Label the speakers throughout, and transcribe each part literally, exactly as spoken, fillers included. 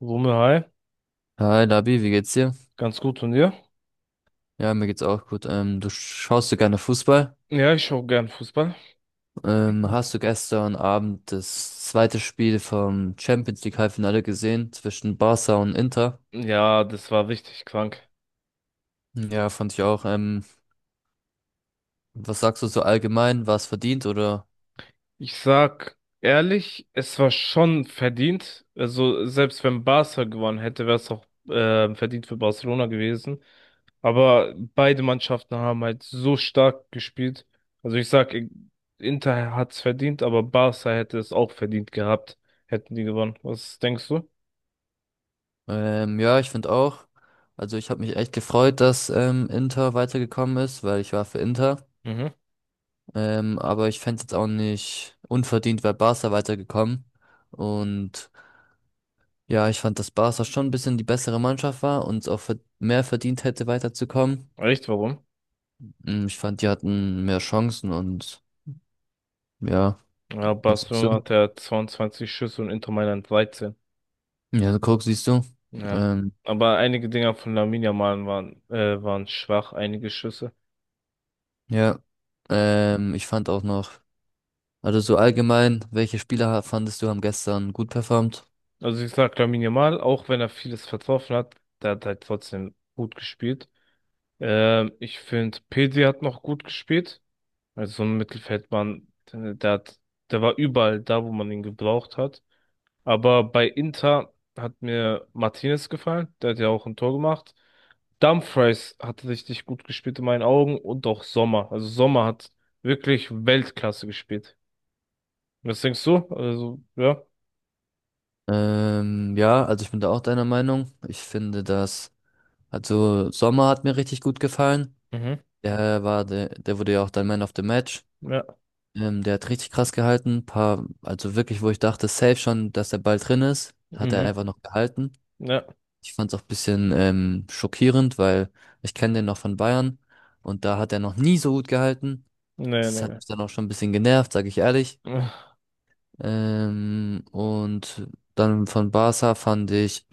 Speaker 1: Rumme, hi.
Speaker 2: Hi Labi, wie geht's dir?
Speaker 1: Ganz gut und dir?
Speaker 2: Ja, mir geht's auch gut. Ähm, du schaust du gerne Fußball?
Speaker 1: Ja, ich schaue gern Fußball.
Speaker 2: Ähm, hast du gestern Abend das zweite Spiel vom Champions League Halbfinale gesehen zwischen Barca und Inter?
Speaker 1: Ja, das war richtig krank.
Speaker 2: Ja, fand ich auch. Ähm, was sagst du so allgemein? War es verdient oder?
Speaker 1: Ich sag ehrlich, es war schon verdient. Also, selbst wenn Barca gewonnen hätte, wäre es auch äh, verdient für Barcelona gewesen. Aber beide Mannschaften haben halt so stark gespielt. Also, ich sag, Inter hat's verdient, aber Barca hätte es auch verdient gehabt, hätten die gewonnen. Was denkst du?
Speaker 2: Ähm, ja, ich finde auch. Also ich habe mich echt gefreut, dass ähm, Inter weitergekommen ist, weil ich war für Inter.
Speaker 1: Mhm.
Speaker 2: Ähm, aber ich fände es jetzt auch nicht unverdient, weil Barca weitergekommen. Und ja, ich fand, dass Barca schon ein bisschen die bessere Mannschaft war und es auch ver- mehr verdient hätte, weiterzukommen.
Speaker 1: Echt, warum?
Speaker 2: Mm, Ich fand, die hatten mehr Chancen und ja,
Speaker 1: Ja,
Speaker 2: was sagst du?
Speaker 1: Barcelona hat ja zweiundzwanzig Schüsse und Inter Mailand dreizehn.
Speaker 2: Ja, so guck, siehst du.
Speaker 1: Ja.
Speaker 2: Ähm,
Speaker 1: Aber einige Dinger von Lamine Yamal waren, äh, waren schwach, einige Schüsse.
Speaker 2: ja,
Speaker 1: Ja.
Speaker 2: ähm, ich fand auch noch, also so allgemein, welche Spieler ha- fandest du haben gestern gut performt?
Speaker 1: Also ich sag Lamine Yamal, auch wenn er vieles vertroffen hat, der hat halt trotzdem gut gespielt. Ähm, ich finde, Pedri hat noch gut gespielt. Also so ein Mittelfeldmann, der, der hat, der war überall da, wo man ihn gebraucht hat. Aber bei Inter hat mir Martinez gefallen, der hat ja auch ein Tor gemacht. Dumfries hat richtig gut gespielt in meinen Augen und auch Sommer. Also Sommer hat wirklich Weltklasse gespielt. Was denkst du? Also, ja.
Speaker 2: Ähm, ja, also ich bin da auch deiner Meinung. Ich finde, dass, also Sommer hat mir richtig gut gefallen.
Speaker 1: Mhm.
Speaker 2: Der war, der, der wurde ja auch dein Man of the Match.
Speaker 1: Ja.
Speaker 2: Ähm, der hat richtig krass gehalten. Paar, also wirklich, wo ich dachte, safe schon, dass der Ball drin ist, hat er
Speaker 1: Mhm.
Speaker 2: einfach noch gehalten.
Speaker 1: Ja.
Speaker 2: Ich fand es auch ein bisschen ähm, schockierend, weil ich kenne den noch von Bayern und da hat er noch nie so gut gehalten.
Speaker 1: Nee,
Speaker 2: Das hat
Speaker 1: nee.
Speaker 2: mich dann auch schon ein bisschen genervt, sage ich ehrlich.
Speaker 1: Nee.
Speaker 2: Ähm, und dann von Barca fand ich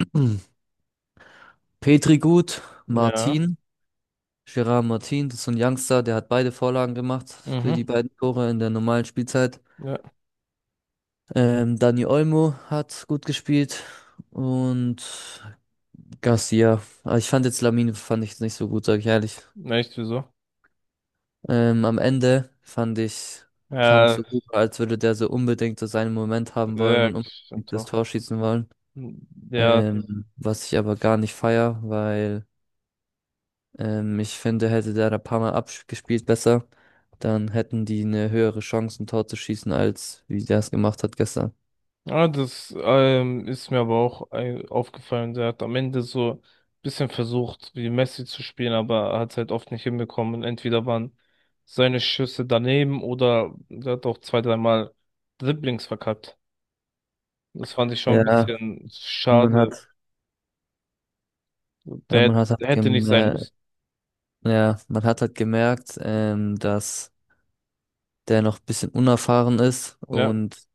Speaker 2: Petri gut,
Speaker 1: Ja.
Speaker 2: Martin, Gerard Martin, das ist so ein Youngster, der hat beide Vorlagen gemacht für
Speaker 1: Mhm.
Speaker 2: die beiden Tore in der normalen Spielzeit.
Speaker 1: Ja.
Speaker 2: Ähm, Dani Olmo hat gut gespielt und Garcia. Aber ich fand jetzt Lamine fand ich jetzt nicht so gut, sag ich ehrlich.
Speaker 1: Nee, echt, wieso?
Speaker 2: Ähm, am Ende fand ich, kam
Speaker 1: Ja,
Speaker 2: so gut, als würde der so unbedingt so seinen Moment haben wollen
Speaker 1: ja,
Speaker 2: und
Speaker 1: stimmt
Speaker 2: unbedingt das
Speaker 1: doch.
Speaker 2: Tor schießen wollen.
Speaker 1: Ja,
Speaker 2: Ähm, was ich aber gar nicht feier, weil ähm, ich finde, hätte der da ein paar Mal abgespielt besser, dann hätten die eine höhere Chance, ein Tor zu schießen, als wie der es gemacht hat gestern.
Speaker 1: ah, das ähm, ist mir aber auch ein- aufgefallen. Der hat am Ende so ein bisschen versucht, wie Messi zu spielen, aber er hat es halt oft nicht hinbekommen. Und entweder waren seine Schüsse daneben oder er hat auch zwei, dreimal Dribblings verkackt. Das fand ich schon ein
Speaker 2: Ja,
Speaker 1: bisschen
Speaker 2: man
Speaker 1: schade.
Speaker 2: hat, äh,
Speaker 1: Der,
Speaker 2: man
Speaker 1: hätt-
Speaker 2: hat
Speaker 1: der
Speaker 2: halt
Speaker 1: hätte nicht sein
Speaker 2: gemerkt.
Speaker 1: müssen.
Speaker 2: Ja, man hat halt gemerkt, ähm, dass der noch ein bisschen unerfahren ist
Speaker 1: Ja.
Speaker 2: und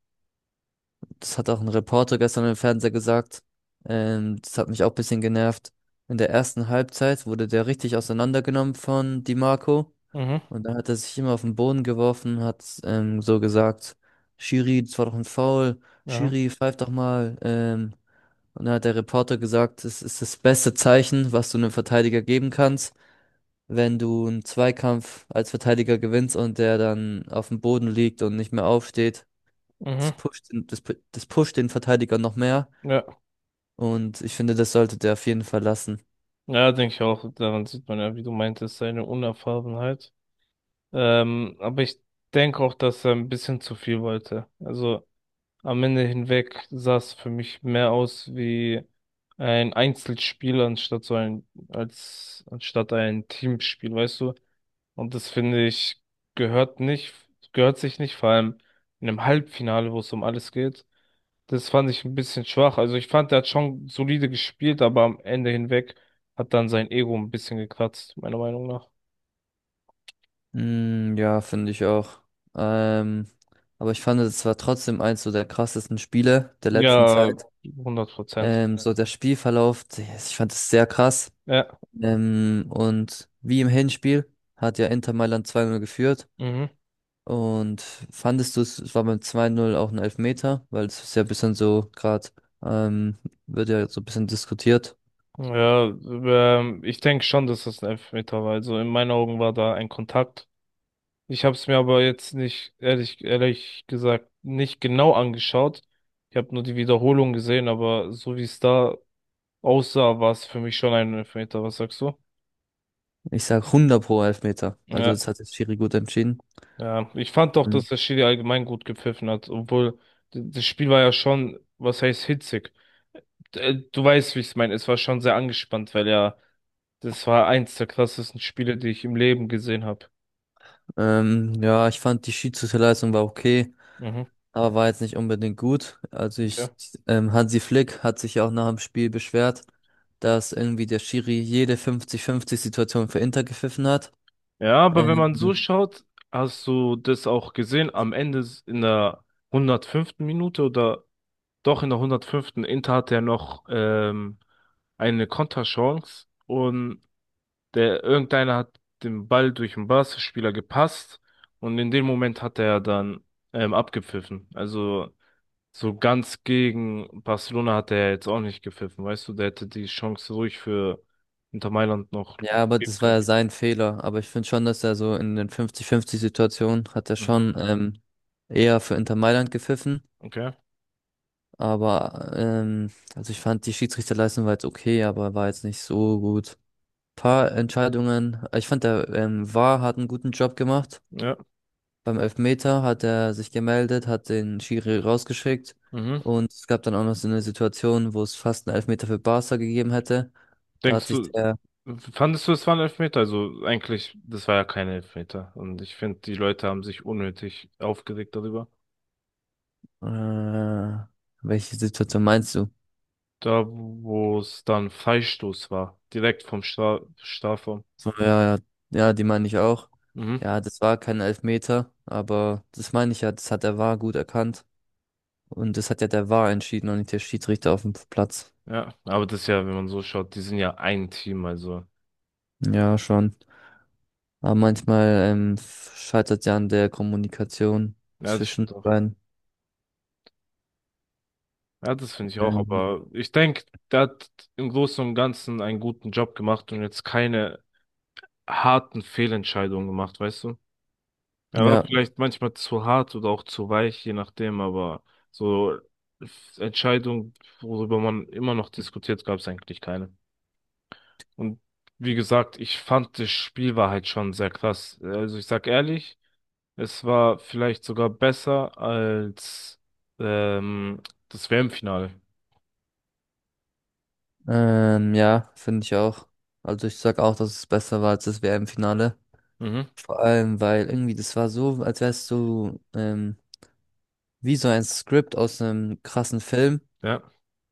Speaker 2: das hat auch ein Reporter gestern im Fernseher gesagt. Ähm, das hat mich auch ein bisschen genervt. In der ersten Halbzeit wurde der richtig auseinandergenommen von Di Marco
Speaker 1: Mhm.
Speaker 2: und dann hat er sich immer auf den Boden geworfen, hat ähm, so gesagt, Schiri, das war doch ein Foul,
Speaker 1: Ja.
Speaker 2: Schiri, pfeif doch mal. Ähm, und dann hat der Reporter gesagt, es ist das beste Zeichen, was du einem Verteidiger geben kannst, wenn du einen Zweikampf als Verteidiger gewinnst und der dann auf dem Boden liegt und nicht mehr aufsteht, das
Speaker 1: Mhm.
Speaker 2: pusht den, das, pu- das pusht den Verteidiger noch mehr.
Speaker 1: Ja.
Speaker 2: Und ich finde, das sollte der auf jeden Fall lassen.
Speaker 1: Ja, denke ich auch. Daran sieht man ja, wie du meintest, seine Unerfahrenheit. Ähm, aber ich denke auch, dass er ein bisschen zu viel wollte. Also am Ende hinweg sah es für mich mehr aus wie ein Einzelspiel anstatt so ein, als anstatt ein Teamspiel, weißt du? Und das finde ich gehört nicht, gehört sich nicht, vor allem in einem Halbfinale, wo es um alles geht. Das fand ich ein bisschen schwach. Also ich fand, er hat schon solide gespielt, aber am Ende hinweg hat dann sein Ego ein bisschen gekratzt, meiner Meinung nach.
Speaker 2: Mm, ja, finde ich auch. Ähm, aber ich fand, es war trotzdem eins so der krassesten Spiele der letzten
Speaker 1: Ja,
Speaker 2: Zeit.
Speaker 1: hundert Prozent.
Speaker 2: Ähm, so der Spielverlauf, ich fand es sehr krass.
Speaker 1: Ja,
Speaker 2: Ähm, und wie im Hinspiel hat ja Inter Mailand zwei Null geführt.
Speaker 1: mhm.
Speaker 2: Und fandest du es, es war beim zwei null auch ein Elfmeter, weil es ist ja ein bisschen so, gerade ähm, wird ja so ein bisschen diskutiert.
Speaker 1: Ja, ähm, ich denke schon, dass das ein Elfmeter war. Also in meinen Augen war da ein Kontakt. Ich habe es mir aber jetzt nicht, ehrlich, ehrlich gesagt, nicht genau angeschaut. Ich habe nur die Wiederholung gesehen, aber so wie es da aussah, war es für mich schon ein Elfmeter. Was sagst du?
Speaker 2: Ich sag hundert pro Elfmeter. Also
Speaker 1: Ja,
Speaker 2: das hat jetzt Schiri gut entschieden.
Speaker 1: ja. Ich fand doch,
Speaker 2: Mhm.
Speaker 1: dass der Schiri allgemein gut gepfiffen hat, obwohl d- das Spiel war ja schon, was heißt hitzig. D- äh, Du weißt, wie ich es meine. Es war schon sehr angespannt, weil ja, das war eins der krassesten Spiele, die ich im Leben gesehen habe.
Speaker 2: Ähm, ja, ich fand die Schiedsrichterleistung war okay,
Speaker 1: Mhm.
Speaker 2: aber war jetzt nicht unbedingt gut. Also
Speaker 1: Okay.
Speaker 2: ich, ähm, Hansi Flick hat sich ja auch nach dem Spiel beschwert, dass irgendwie der Schiri jede fünfzig fünfzig-Situation für Inter gepfiffen hat.
Speaker 1: Ja, aber wenn
Speaker 2: Ähm,
Speaker 1: man so schaut, hast du das auch gesehen, am Ende s- in der hundertfünften. Minute oder doch in der hundertfünften. Inter hatte ja noch ähm, eine Konterchance und der irgendeiner hat den Ball durch den Barca-Spieler gepasst und in dem Moment hat er dann ähm, abgepfiffen. Also so ganz gegen Barcelona hat er jetzt auch nicht gepfiffen, weißt du, der hätte die Chance ruhig für Inter Mailand noch
Speaker 2: Ja, aber
Speaker 1: geben
Speaker 2: das war
Speaker 1: können.
Speaker 2: ja sein Fehler. Aber ich finde schon, dass er so in den fünfzig fünfzig-Situationen hat er
Speaker 1: Mhm.
Speaker 2: schon ähm, eher für Inter Mailand gepfiffen.
Speaker 1: Okay.
Speaker 2: Aber ähm, also ich fand die Schiedsrichterleistung war jetzt okay, aber war jetzt nicht so gut. Paar Entscheidungen. Ich fand der ähm, V A R hat einen guten Job gemacht.
Speaker 1: Ja.
Speaker 2: Beim Elfmeter hat er sich gemeldet, hat den Schiri rausgeschickt.
Speaker 1: Mhm.
Speaker 2: Und es gab dann auch noch so eine Situation, wo es fast einen Elfmeter für Barca gegeben hätte. Da hat
Speaker 1: Denkst
Speaker 2: sich
Speaker 1: du,
Speaker 2: der
Speaker 1: fandest du, es war ein Elfmeter? Also eigentlich, das war ja kein Elfmeter. Und ich finde, die Leute haben sich unnötig aufgeregt darüber.
Speaker 2: äh, Welche Situation meinst du?
Speaker 1: Da, wo es dann Freistoß war, direkt vom Stra Strafraum.
Speaker 2: So, ja, ja, ja, die meine ich auch.
Speaker 1: Mhm.
Speaker 2: Ja, das war kein Elfmeter, aber das meine ich ja, das hat der V A R gut erkannt. Und das hat ja der V A R entschieden und nicht der Schiedsrichter auf dem Platz.
Speaker 1: Ja, aber das ist ja, wenn man so schaut, die sind ja ein Team, also.
Speaker 2: Ja, schon. Aber manchmal ähm, scheitert ja an der Kommunikation
Speaker 1: Ja, das
Speaker 2: zwischen
Speaker 1: stimmt
Speaker 2: den
Speaker 1: auch.
Speaker 2: beiden.
Speaker 1: Ja, das finde ich auch,
Speaker 2: Ähm,
Speaker 1: aber ich denke, der hat im Großen und Ganzen einen guten Job gemacht und jetzt keine harten Fehlentscheidungen gemacht, weißt du? Er war
Speaker 2: ja,
Speaker 1: vielleicht manchmal zu hart oder auch zu weich, je nachdem, aber so Entscheidungen, worüber man immer noch diskutiert, gab es eigentlich keine. Und wie gesagt, ich fand, das Spiel war halt schon sehr krass. Also ich sag ehrlich, es war vielleicht sogar besser als ähm, das W M-Finale.
Speaker 2: ähm, ja, finde ich auch. Also ich sag auch, dass es besser war als das W M-Finale.
Speaker 1: Mhm.
Speaker 2: Vor allem, weil irgendwie das war so, als wärst du ähm, wie so ein Skript aus einem krassen Film.
Speaker 1: Ja,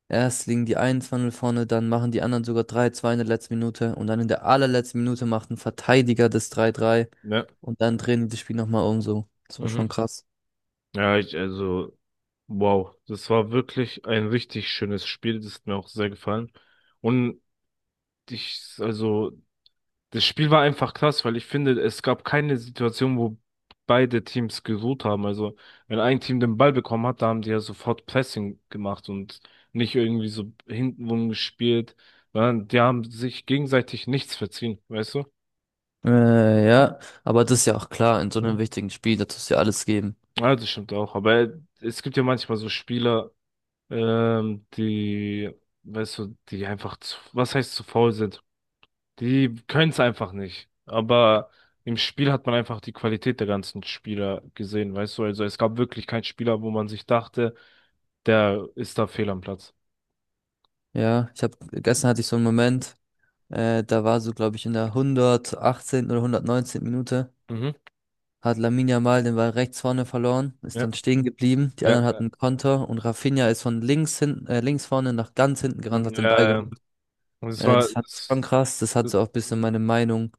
Speaker 2: Erst liegen die einundzwanzig vorne, dann machen die anderen sogar drei, zwei in der letzten Minute und dann in der allerletzten Minute macht ein Verteidiger das drei drei
Speaker 1: ja,
Speaker 2: und dann drehen die das Spiel nochmal um so. Das war
Speaker 1: mhm.
Speaker 2: schon krass.
Speaker 1: Ja, ich, also, wow, das war wirklich ein richtig schönes Spiel, das hat mir auch sehr gefallen. Und ich, also, Das Spiel war einfach krass, weil ich finde, es gab keine Situation, wo beide Teams geruht haben. Also, wenn ein Team den Ball bekommen hat, da haben die ja sofort Pressing gemacht und nicht irgendwie so hintenrum gespielt, sondern die haben sich gegenseitig nichts verziehen, weißt du?
Speaker 2: Äh, ja, aber das ist ja auch klar, in so einem wichtigen Spiel, da tust du ja alles geben.
Speaker 1: Ja, das stimmt auch. Aber es gibt ja manchmal so Spieler, ähm, die, weißt du, die einfach zu, was heißt zu faul sind? Die können es einfach nicht. Aber im Spiel hat man einfach die Qualität der ganzen Spieler gesehen, weißt du? Also es gab wirklich keinen Spieler, wo man sich dachte, der ist da fehl am Platz.
Speaker 2: Ja, ich habe gestern hatte ich so einen Moment, äh, da war so, glaube ich, in der hundertachtzehnten. oder hundertneunzehnten. Minute
Speaker 1: Mhm.
Speaker 2: hat Lamine Yamal den Ball rechts vorne verloren, ist
Speaker 1: Ja.
Speaker 2: dann stehen geblieben, die
Speaker 1: Ja.
Speaker 2: anderen
Speaker 1: äh,
Speaker 2: hatten einen Konter und Rafinha ist von links hinten, äh, links vorne nach ganz hinten gerannt,
Speaker 1: Mhm.
Speaker 2: hat den Ball.
Speaker 1: äh, und es
Speaker 2: Äh,
Speaker 1: war,
Speaker 2: das fand ich schon
Speaker 1: es,
Speaker 2: krass. Das hat so auch ein bisschen meine Meinung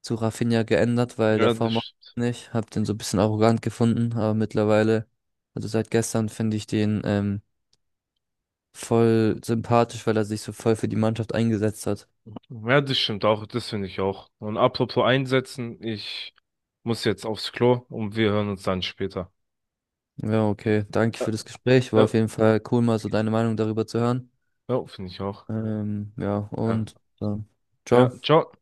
Speaker 2: zu Rafinha geändert, weil
Speaker 1: ja,
Speaker 2: davor
Speaker 1: das,
Speaker 2: mochte
Speaker 1: st-
Speaker 2: ich ihn nicht. Hab den so ein bisschen arrogant gefunden, aber mittlerweile, also seit gestern, finde ich den ähm, voll sympathisch, weil er sich so voll für die Mannschaft eingesetzt hat.
Speaker 1: ja, das stimmt auch, das finde ich auch. Und apropos einsetzen, ich muss jetzt aufs Klo und wir hören uns dann später.
Speaker 2: Ja, okay. Danke
Speaker 1: Ja,
Speaker 2: für das Gespräch. War
Speaker 1: ja,
Speaker 2: auf jeden Fall cool, mal so deine Meinung darüber zu hören.
Speaker 1: ja, finde ich auch.
Speaker 2: Ähm, ja,
Speaker 1: Ja,
Speaker 2: und dann,
Speaker 1: ja,
Speaker 2: ciao.
Speaker 1: ciao.